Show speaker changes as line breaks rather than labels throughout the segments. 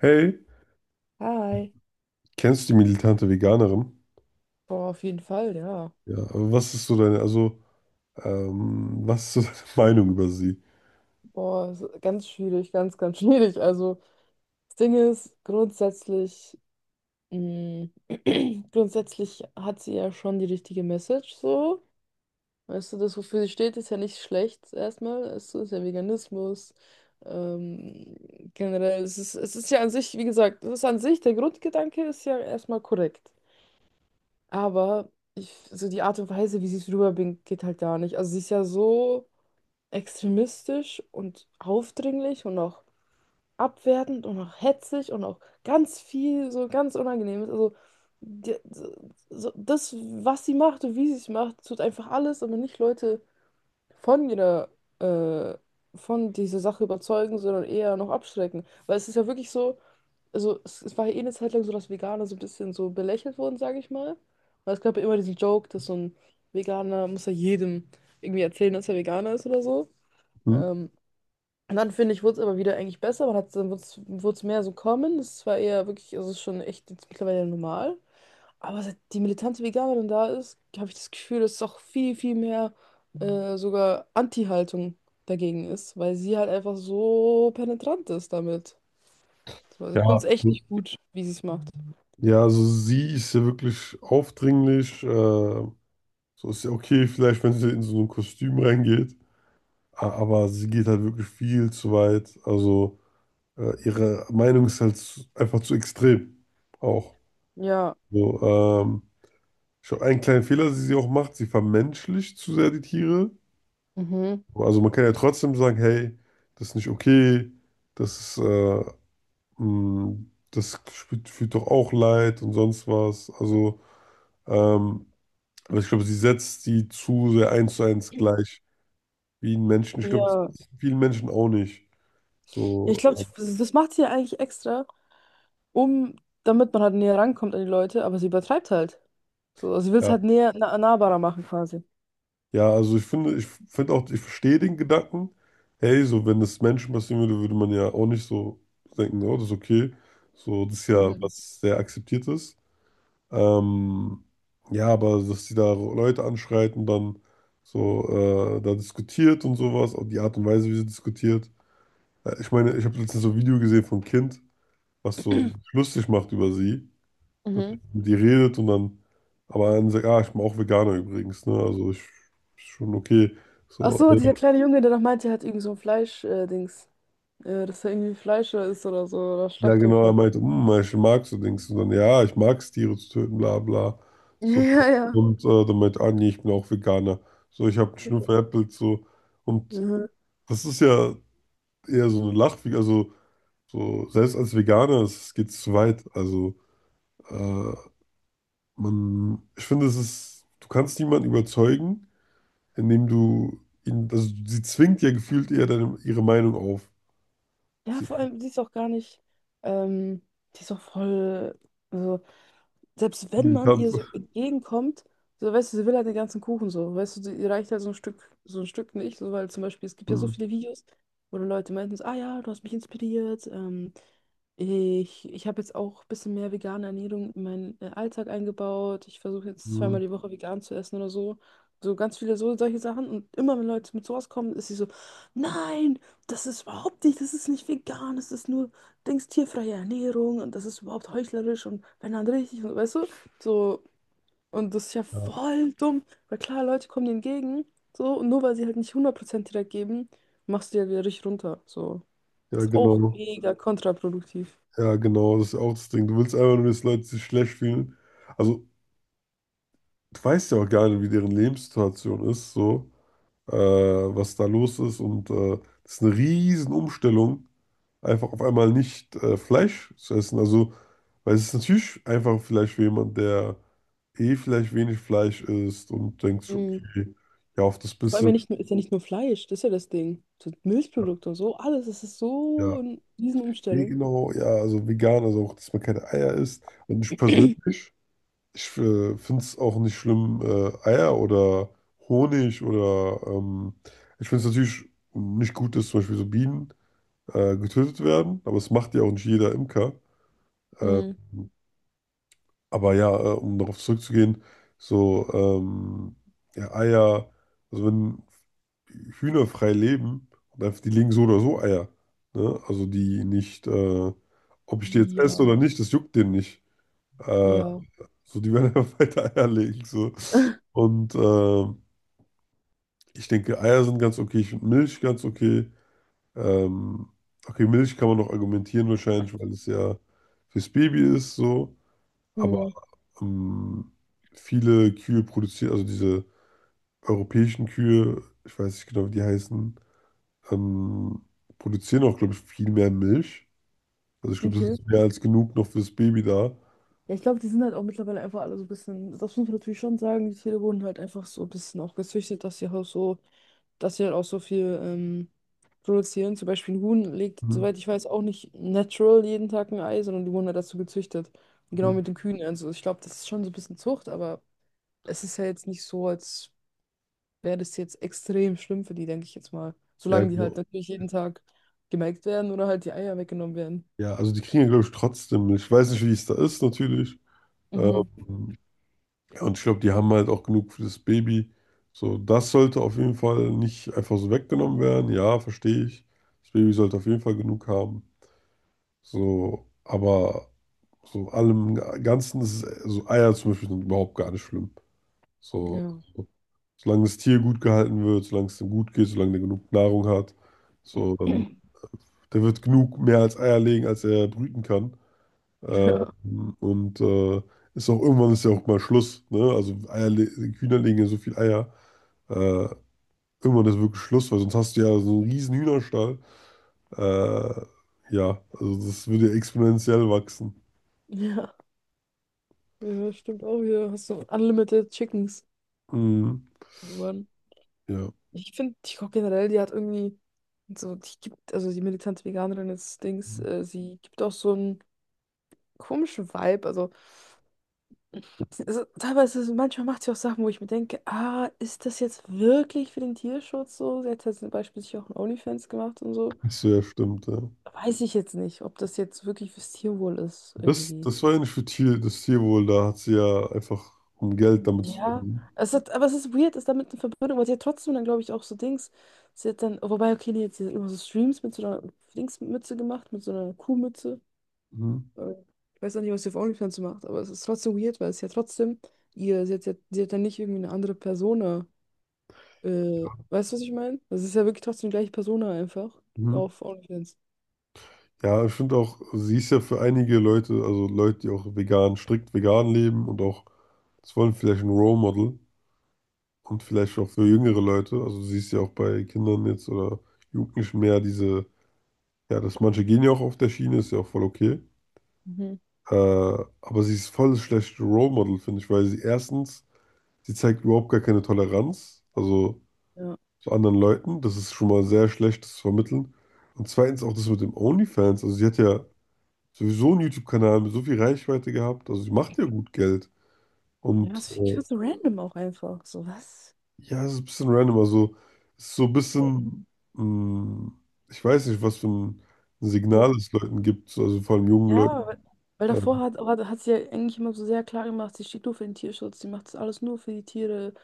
Hey,
Hi.
kennst du die militante Veganerin?
Boah, auf jeden Fall, ja.
Ja, aber was ist so deine, also, was ist so deine Meinung über sie?
Boah, ist ganz schwierig, ganz, ganz schwierig. Also, das Ding ist, grundsätzlich, mh, grundsätzlich hat sie ja schon die richtige Message, so. Weißt du, das, wofür sie steht, ist ja nicht schlecht, erstmal. Es ist ja Veganismus. Ähm, Generell, es ist ja an sich, wie gesagt, es ist an sich, der Grundgedanke ist ja erstmal korrekt. Aber ich, so die Art und Weise, wie sie es rüberbringt, geht halt gar nicht. Also, sie ist ja so, extremistisch und aufdringlich und auch abwertend und auch hetzig und auch ganz viel so ganz Unangenehmes. Also die, so, das, was sie macht und wie sie es macht, tut einfach alles, aber nicht Leute von ihrer, äh, von dieser Sache überzeugen, sondern eher noch abschrecken. Weil es ist ja wirklich so, also es war ja eh eine Zeit lang so, dass Veganer so ein bisschen so belächelt wurden, sage ich mal. Weil es gab ja immer diesen Joke, dass so ein Veganer muss ja jedem irgendwie erzählen dass er Veganer ist oder so.
Hm?
Ähm, und dann finde ich, wurde es aber wieder eigentlich besser. Man hat, dann wurde es mehr so kommen. Das war eher wirklich, also es ist schon echt jetzt mittlerweile normal. Aber seit die militante Veganerin da ist, habe ich das Gefühl, dass es auch viel, viel mehr sogar Anti-Haltung dagegen ist, weil sie halt einfach so penetrant ist damit. Also ich finde
Ja.
es echt nicht gut, wie sie es macht.
Ja, also sie ist ja wirklich aufdringlich. So ist ja okay, vielleicht, wenn sie in so ein Kostüm reingeht. Aber sie geht halt wirklich viel zu weit. Also ihre Meinung ist halt einfach zu extrem. Auch.
Ja.
So, ich glaub, einen kleinen Fehler, den sie auch macht, sie vermenschlicht zu sehr die Tiere.
Mhm.
Also man kann ja trotzdem sagen, hey, das ist nicht okay, das ist, mh, das fühlt doch auch leid und sonst was. Also, ähm, aber ich glaube, sie setzt die zu sehr eins zu eins gleich wie ein Menschen. Ich glaube, das
Ja.
ist vielen Menschen auch nicht.
Ja, ich
So,
glaube, das macht sie ja eigentlich extra, um, damit man halt näher rankommt an die Leute, aber sie übertreibt halt. So, also sie will es
ja.
halt näher, nahbarer machen quasi.
Ja, also ich finde auch, ich verstehe den Gedanken, hey, so wenn das Menschen passieren würde, würde man ja auch nicht so denken, oh, das ist okay. So, das ist ja
Mhm.
was sehr akzeptiert ist. Ähm, ja, aber dass sie da Leute anschreit und dann so da diskutiert und sowas, und die Art und Weise, wie sie diskutiert. Ich meine, ich habe letztens so ein Video gesehen von einem Kind, was so lustig macht über sie. Natürlich
Mhm.
mit ihr redet und dann, aber dann sagt, ah, ich bin auch Veganer übrigens, ne? Also ich, ist schon okay.
Ach
So.
so, dieser kleine Junge, der noch meinte, er hat irgend so ein Fleisch-Dings. Dings. Äh, dass er irgendwie Fleischer ist oder so, oder
Ja,
Schlachthof
genau, er
hat.
meinte, hm, ich mag so Dings. Und dann, ja, ich mag es, Tiere zu töten, bla bla. So.
Ja, ja.
Und dann meinte, ah nee, ich bin auch Veganer. So, ich habe mich nur veräppelt, so. Und
Mhm.
das ist ja eher so eine Lachfigur, also so, selbst als Veganer, es geht zu weit. Also, äh, man, ich finde, es ist, du kannst niemanden überzeugen, indem du ihn, also sie zwingt ja gefühlt eher deine, ihre Meinung auf.
Ja,
Sie
vor allem, die ist auch gar nicht, ähm, die ist auch voll, also, selbst wenn man
militant.
ihr so entgegenkommt, so, weißt du, sie will halt den ganzen Kuchen. So, weißt du, ihr reicht halt so ein Stück nicht, so, weil zum Beispiel, es gibt ja so
Hm,
viele Videos, wo dann Leute meinten, so, ah ja, du hast mich inspiriert, ich habe jetzt auch ein bisschen mehr vegane Ernährung in meinen Alltag eingebaut, ich versuche jetzt
hm,
zweimal die Woche vegan zu essen oder so, so ganz viele so, solche Sachen und immer, wenn Leute mit sowas kommen, ist sie so, nein! Das ist überhaupt nicht, das ist nicht vegan, das ist nur, denkst, tierfreie Ernährung und das ist überhaupt heuchlerisch und wenn dann richtig und weißt du, so, und das ist ja
ja,
voll dumm, weil klar, Leute kommen dir entgegen, so, und nur weil sie halt nicht 100% direkt geben, machst du ja wieder richtig runter, so.
ja,
Das ist auch
genau.
mega kontraproduktiv.
Ja, genau, das ist auch das Ding. Du willst einfach nur, dass Leute sich schlecht fühlen. Also, du weißt ja auch gar nicht, wie deren Lebenssituation ist, so, was da los ist. Und das ist eine riesen Umstellung, einfach auf einmal nicht Fleisch zu essen. Also, weil es ist natürlich einfach vielleicht für jemand, der eh vielleicht wenig Fleisch isst und denkt sich,
Mhm.
okay, ja, auf das
Vor allem
bisschen,
ja nicht nur, ist ja nicht nur Fleisch, das ist ja das Ding. So Milchprodukte und so, alles, das ist so
ja,
eine
eh
Riesenumstellung.
genau, ja, also vegan, also auch, dass man keine Eier isst. Und ich persönlich. Ich finde es auch nicht schlimm, Eier oder Honig oder ich finde es natürlich nicht gut, dass zum Beispiel so Bienen getötet werden, aber es macht ja auch nicht jeder Imker. Äh,
Mhm.
aber ja, um darauf zurückzugehen, so ja, Eier, also wenn Hühner frei leben, und einfach, die legen so oder so Eier. Ne? Also die nicht, ob ich die jetzt esse
Ja,
oder nicht, das juckt denen nicht. Äh,
ja.
so, die werden einfach weiter Eier legen. So. Und ich denke, Eier sind ganz okay. Ich finde Milch ganz okay. Ähm, okay, Milch kann man noch argumentieren wahrscheinlich, weil es ja fürs Baby ist so. Aber
Mhm.
ähm, viele Kühe produzieren, also diese europäischen Kühe, ich weiß nicht genau, wie die heißen, ähm, produzieren auch, glaube ich, viel mehr Milch. Also ich glaube, das
Okay.
ist mehr als genug noch fürs Baby da.
Ja, ich glaube, die sind halt auch mittlerweile einfach alle so ein bisschen, das muss man natürlich schon sagen, die Tiere wurden halt einfach so ein bisschen auch gezüchtet, dass sie halt so, dass sie halt auch so viel produzieren. Zum Beispiel ein Huhn legt,
Mhm.
soweit ich weiß, auch nicht natural jeden Tag ein Ei, sondern die wurden halt dazu gezüchtet. Und genau
Mhm.
mit den Kühen. Also ich glaube, das ist schon so ein bisschen Zucht, aber es ist ja jetzt nicht so, als wäre das jetzt extrem schlimm für die, denke ich jetzt mal.
Ja,
Solange die halt
genau.
natürlich jeden Tag gemelkt werden oder halt die Eier weggenommen werden.
Ja, also die kriegen ja, glaube ich, trotzdem Milch. Ich weiß nicht, wie es da ist, natürlich.
Mhm.
Ähm, Und ich glaube, die haben halt auch genug für das Baby. So, das sollte auf jeden Fall nicht einfach so weggenommen werden. Ja, verstehe ich. Das Baby sollte auf jeden Fall genug haben. So, aber so allem Ganzen ist es, so Eier zum Beispiel sind überhaupt gar nicht schlimm. So,
Ja.
solange das Tier gut gehalten wird, solange es ihm gut geht, solange der genug Nahrung hat, so, dann, der wird genug mehr als Eier legen, als er brüten kann.
Ja.
Und ist auch irgendwann ist ja auch mal Schluss, ne? Also Eier, Hühner legen ja so viel Eier. Äh, irgendwann ist wirklich Schluss, weil sonst hast du ja so einen riesen Hühnerstall. Äh, ja, also das würde ja exponentiell wachsen.
Ja. Ja, stimmt auch hier. Hast du Unlimited Chickens
Mhm.
irgendwann.
Ja.
Ich finde, TikTok generell, die hat irgendwie so, die gibt, also die militante Veganerin des Dings, sie gibt auch so einen komischen Vibe. Also, also teilweise, manchmal macht sie auch Sachen, wo ich mir denke, ah, ist das jetzt wirklich für den Tierschutz so? Sie hat ja zum Beispiel sich auch ein OnlyFans gemacht und so.
Das so, ja, stimmt, ja.
Weiß ich jetzt nicht, ob das jetzt wirklich fürs Tierwohl ist, irgendwie.
Das war ja nicht für Tier, das Tierwohl, da hat sie ja einfach um Geld damit zu
Ja,
verdienen.
es hat, aber es ist weird, ist damit eine Verbindung, weil sie hat trotzdem dann, glaube ich, auch so Dings. Sie hat dann, oh, wobei, okay, nee, sie hat immer so Streams mit so einer Dingsmütze gemacht, mit so einer Kuhmütze.
Mhm.
Äh, Ich weiß auch nicht, was sie auf OnlyFans macht, aber es ist trotzdem weird, weil es ja trotzdem ihr, sie hat, sie hat dann nicht irgendwie eine andere Persona. Weißt du, was ich meine? Das ist ja wirklich trotzdem die gleiche Persona einfach
Mhm.
auf OnlyFans.
Ja, ich finde auch, sie ist ja für einige Leute, also Leute, die auch vegan, strikt vegan leben und auch, das wollen vielleicht ein Role Model und vielleicht auch für jüngere Leute. Also sie ist ja auch bei Kindern jetzt oder Jugendlichen mehr diese, ja, dass manche gehen ja auch auf der Schiene, ist ja auch voll okay.
Mhm.
Aber sie ist voll das schlechte Role Model, finde ich, weil sie erstens, sie zeigt überhaupt gar keine Toleranz, also
Ja.
zu anderen Leuten. Das ist schon mal sehr schlecht, das zu vermitteln. Und zweitens auch das mit dem OnlyFans. Also sie hat ja sowieso einen YouTube-Kanal mit so viel Reichweite gehabt. Also sie macht ja gut Geld.
Ja,
Und
das finde ich so random auch einfach. So, was?
ja, es ist ein bisschen random. Also es ist so ein bisschen, mh, ich weiß nicht, was für ein Signal es Leuten gibt, so, also vor allem jungen Leuten.
Ja, weil, weil davor hat sie ja eigentlich immer so sehr klar gemacht, sie steht nur für den Tierschutz, sie macht das alles nur für die Tiere,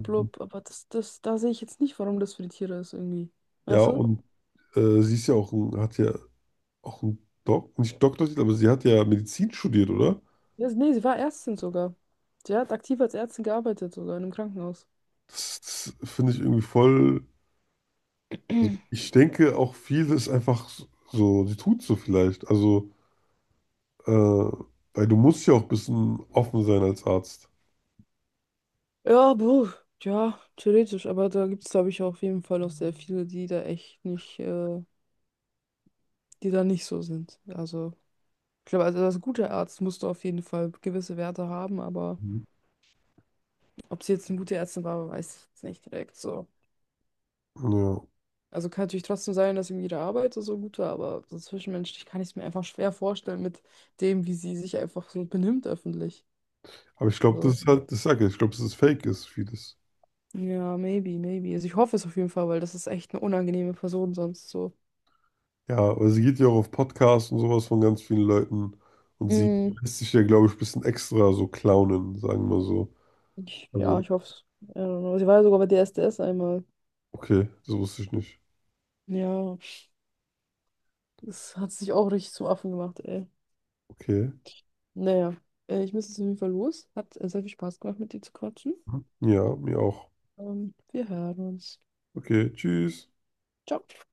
Ähm,
aber da sehe ich jetzt nicht, warum das für die Tiere ist irgendwie.
ja,
Weißt du?
und sie ist ja auch ein, hat ja auch einen Dok nicht Doktortitel, aber sie hat ja Medizin studiert, oder?
Ja, nee, sie war Ärztin sogar. Sie hat aktiv als Ärztin gearbeitet sogar in einem Krankenhaus.
Das, das finde ich irgendwie voll. Ich denke auch viel ist einfach so, sie tut so vielleicht. Also Äh, weil du musst ja auch ein bisschen offen sein als Arzt.
Ja, buh, ja, theoretisch, aber da gibt es, glaube ich, auch auf jeden Fall auch sehr viele, die da echt nicht, die da nicht so sind. Also, ich glaube, also als guter Arzt musst du auf jeden Fall gewisse Werte haben, aber.
Mhm.
Ob sie jetzt eine gute Ärztin war, weiß ich jetzt nicht direkt so.
Ja.
Also kann natürlich trotzdem sein, dass irgendwie ihre Arbeit so gut war, aber so zwischenmenschlich kann ich es mir einfach schwer vorstellen mit dem, wie sie sich einfach so benimmt öffentlich.
Aber ich glaube, das
So.
ist halt, das sage ich, ich glaube, dass es fake ist, vieles.
Ja, maybe, maybe. Also ich hoffe es auf jeden Fall, weil das ist echt eine unangenehme Person sonst so.
Ja, aber sie geht ja auch auf Podcasts und sowas von ganz vielen Leuten. Und sie
Mm,
lässt sich ja, glaube ich, ein bisschen extra so clownen, sagen wir so.
ich, ja,
Also,
ich hoffe es. I don't know. Sie war ja sogar bei DSDS einmal.
okay, das wusste ich nicht.
Ja, das hat sich auch richtig zum Affen gemacht, ey.
Okay.
Naja, ich muss jetzt auf jeden Fall los. Hat sehr viel Spaß gemacht, mit dir zu quatschen.
Ja, mir auch.
Wir hören uns.
Okay, tschüss.
Ciao.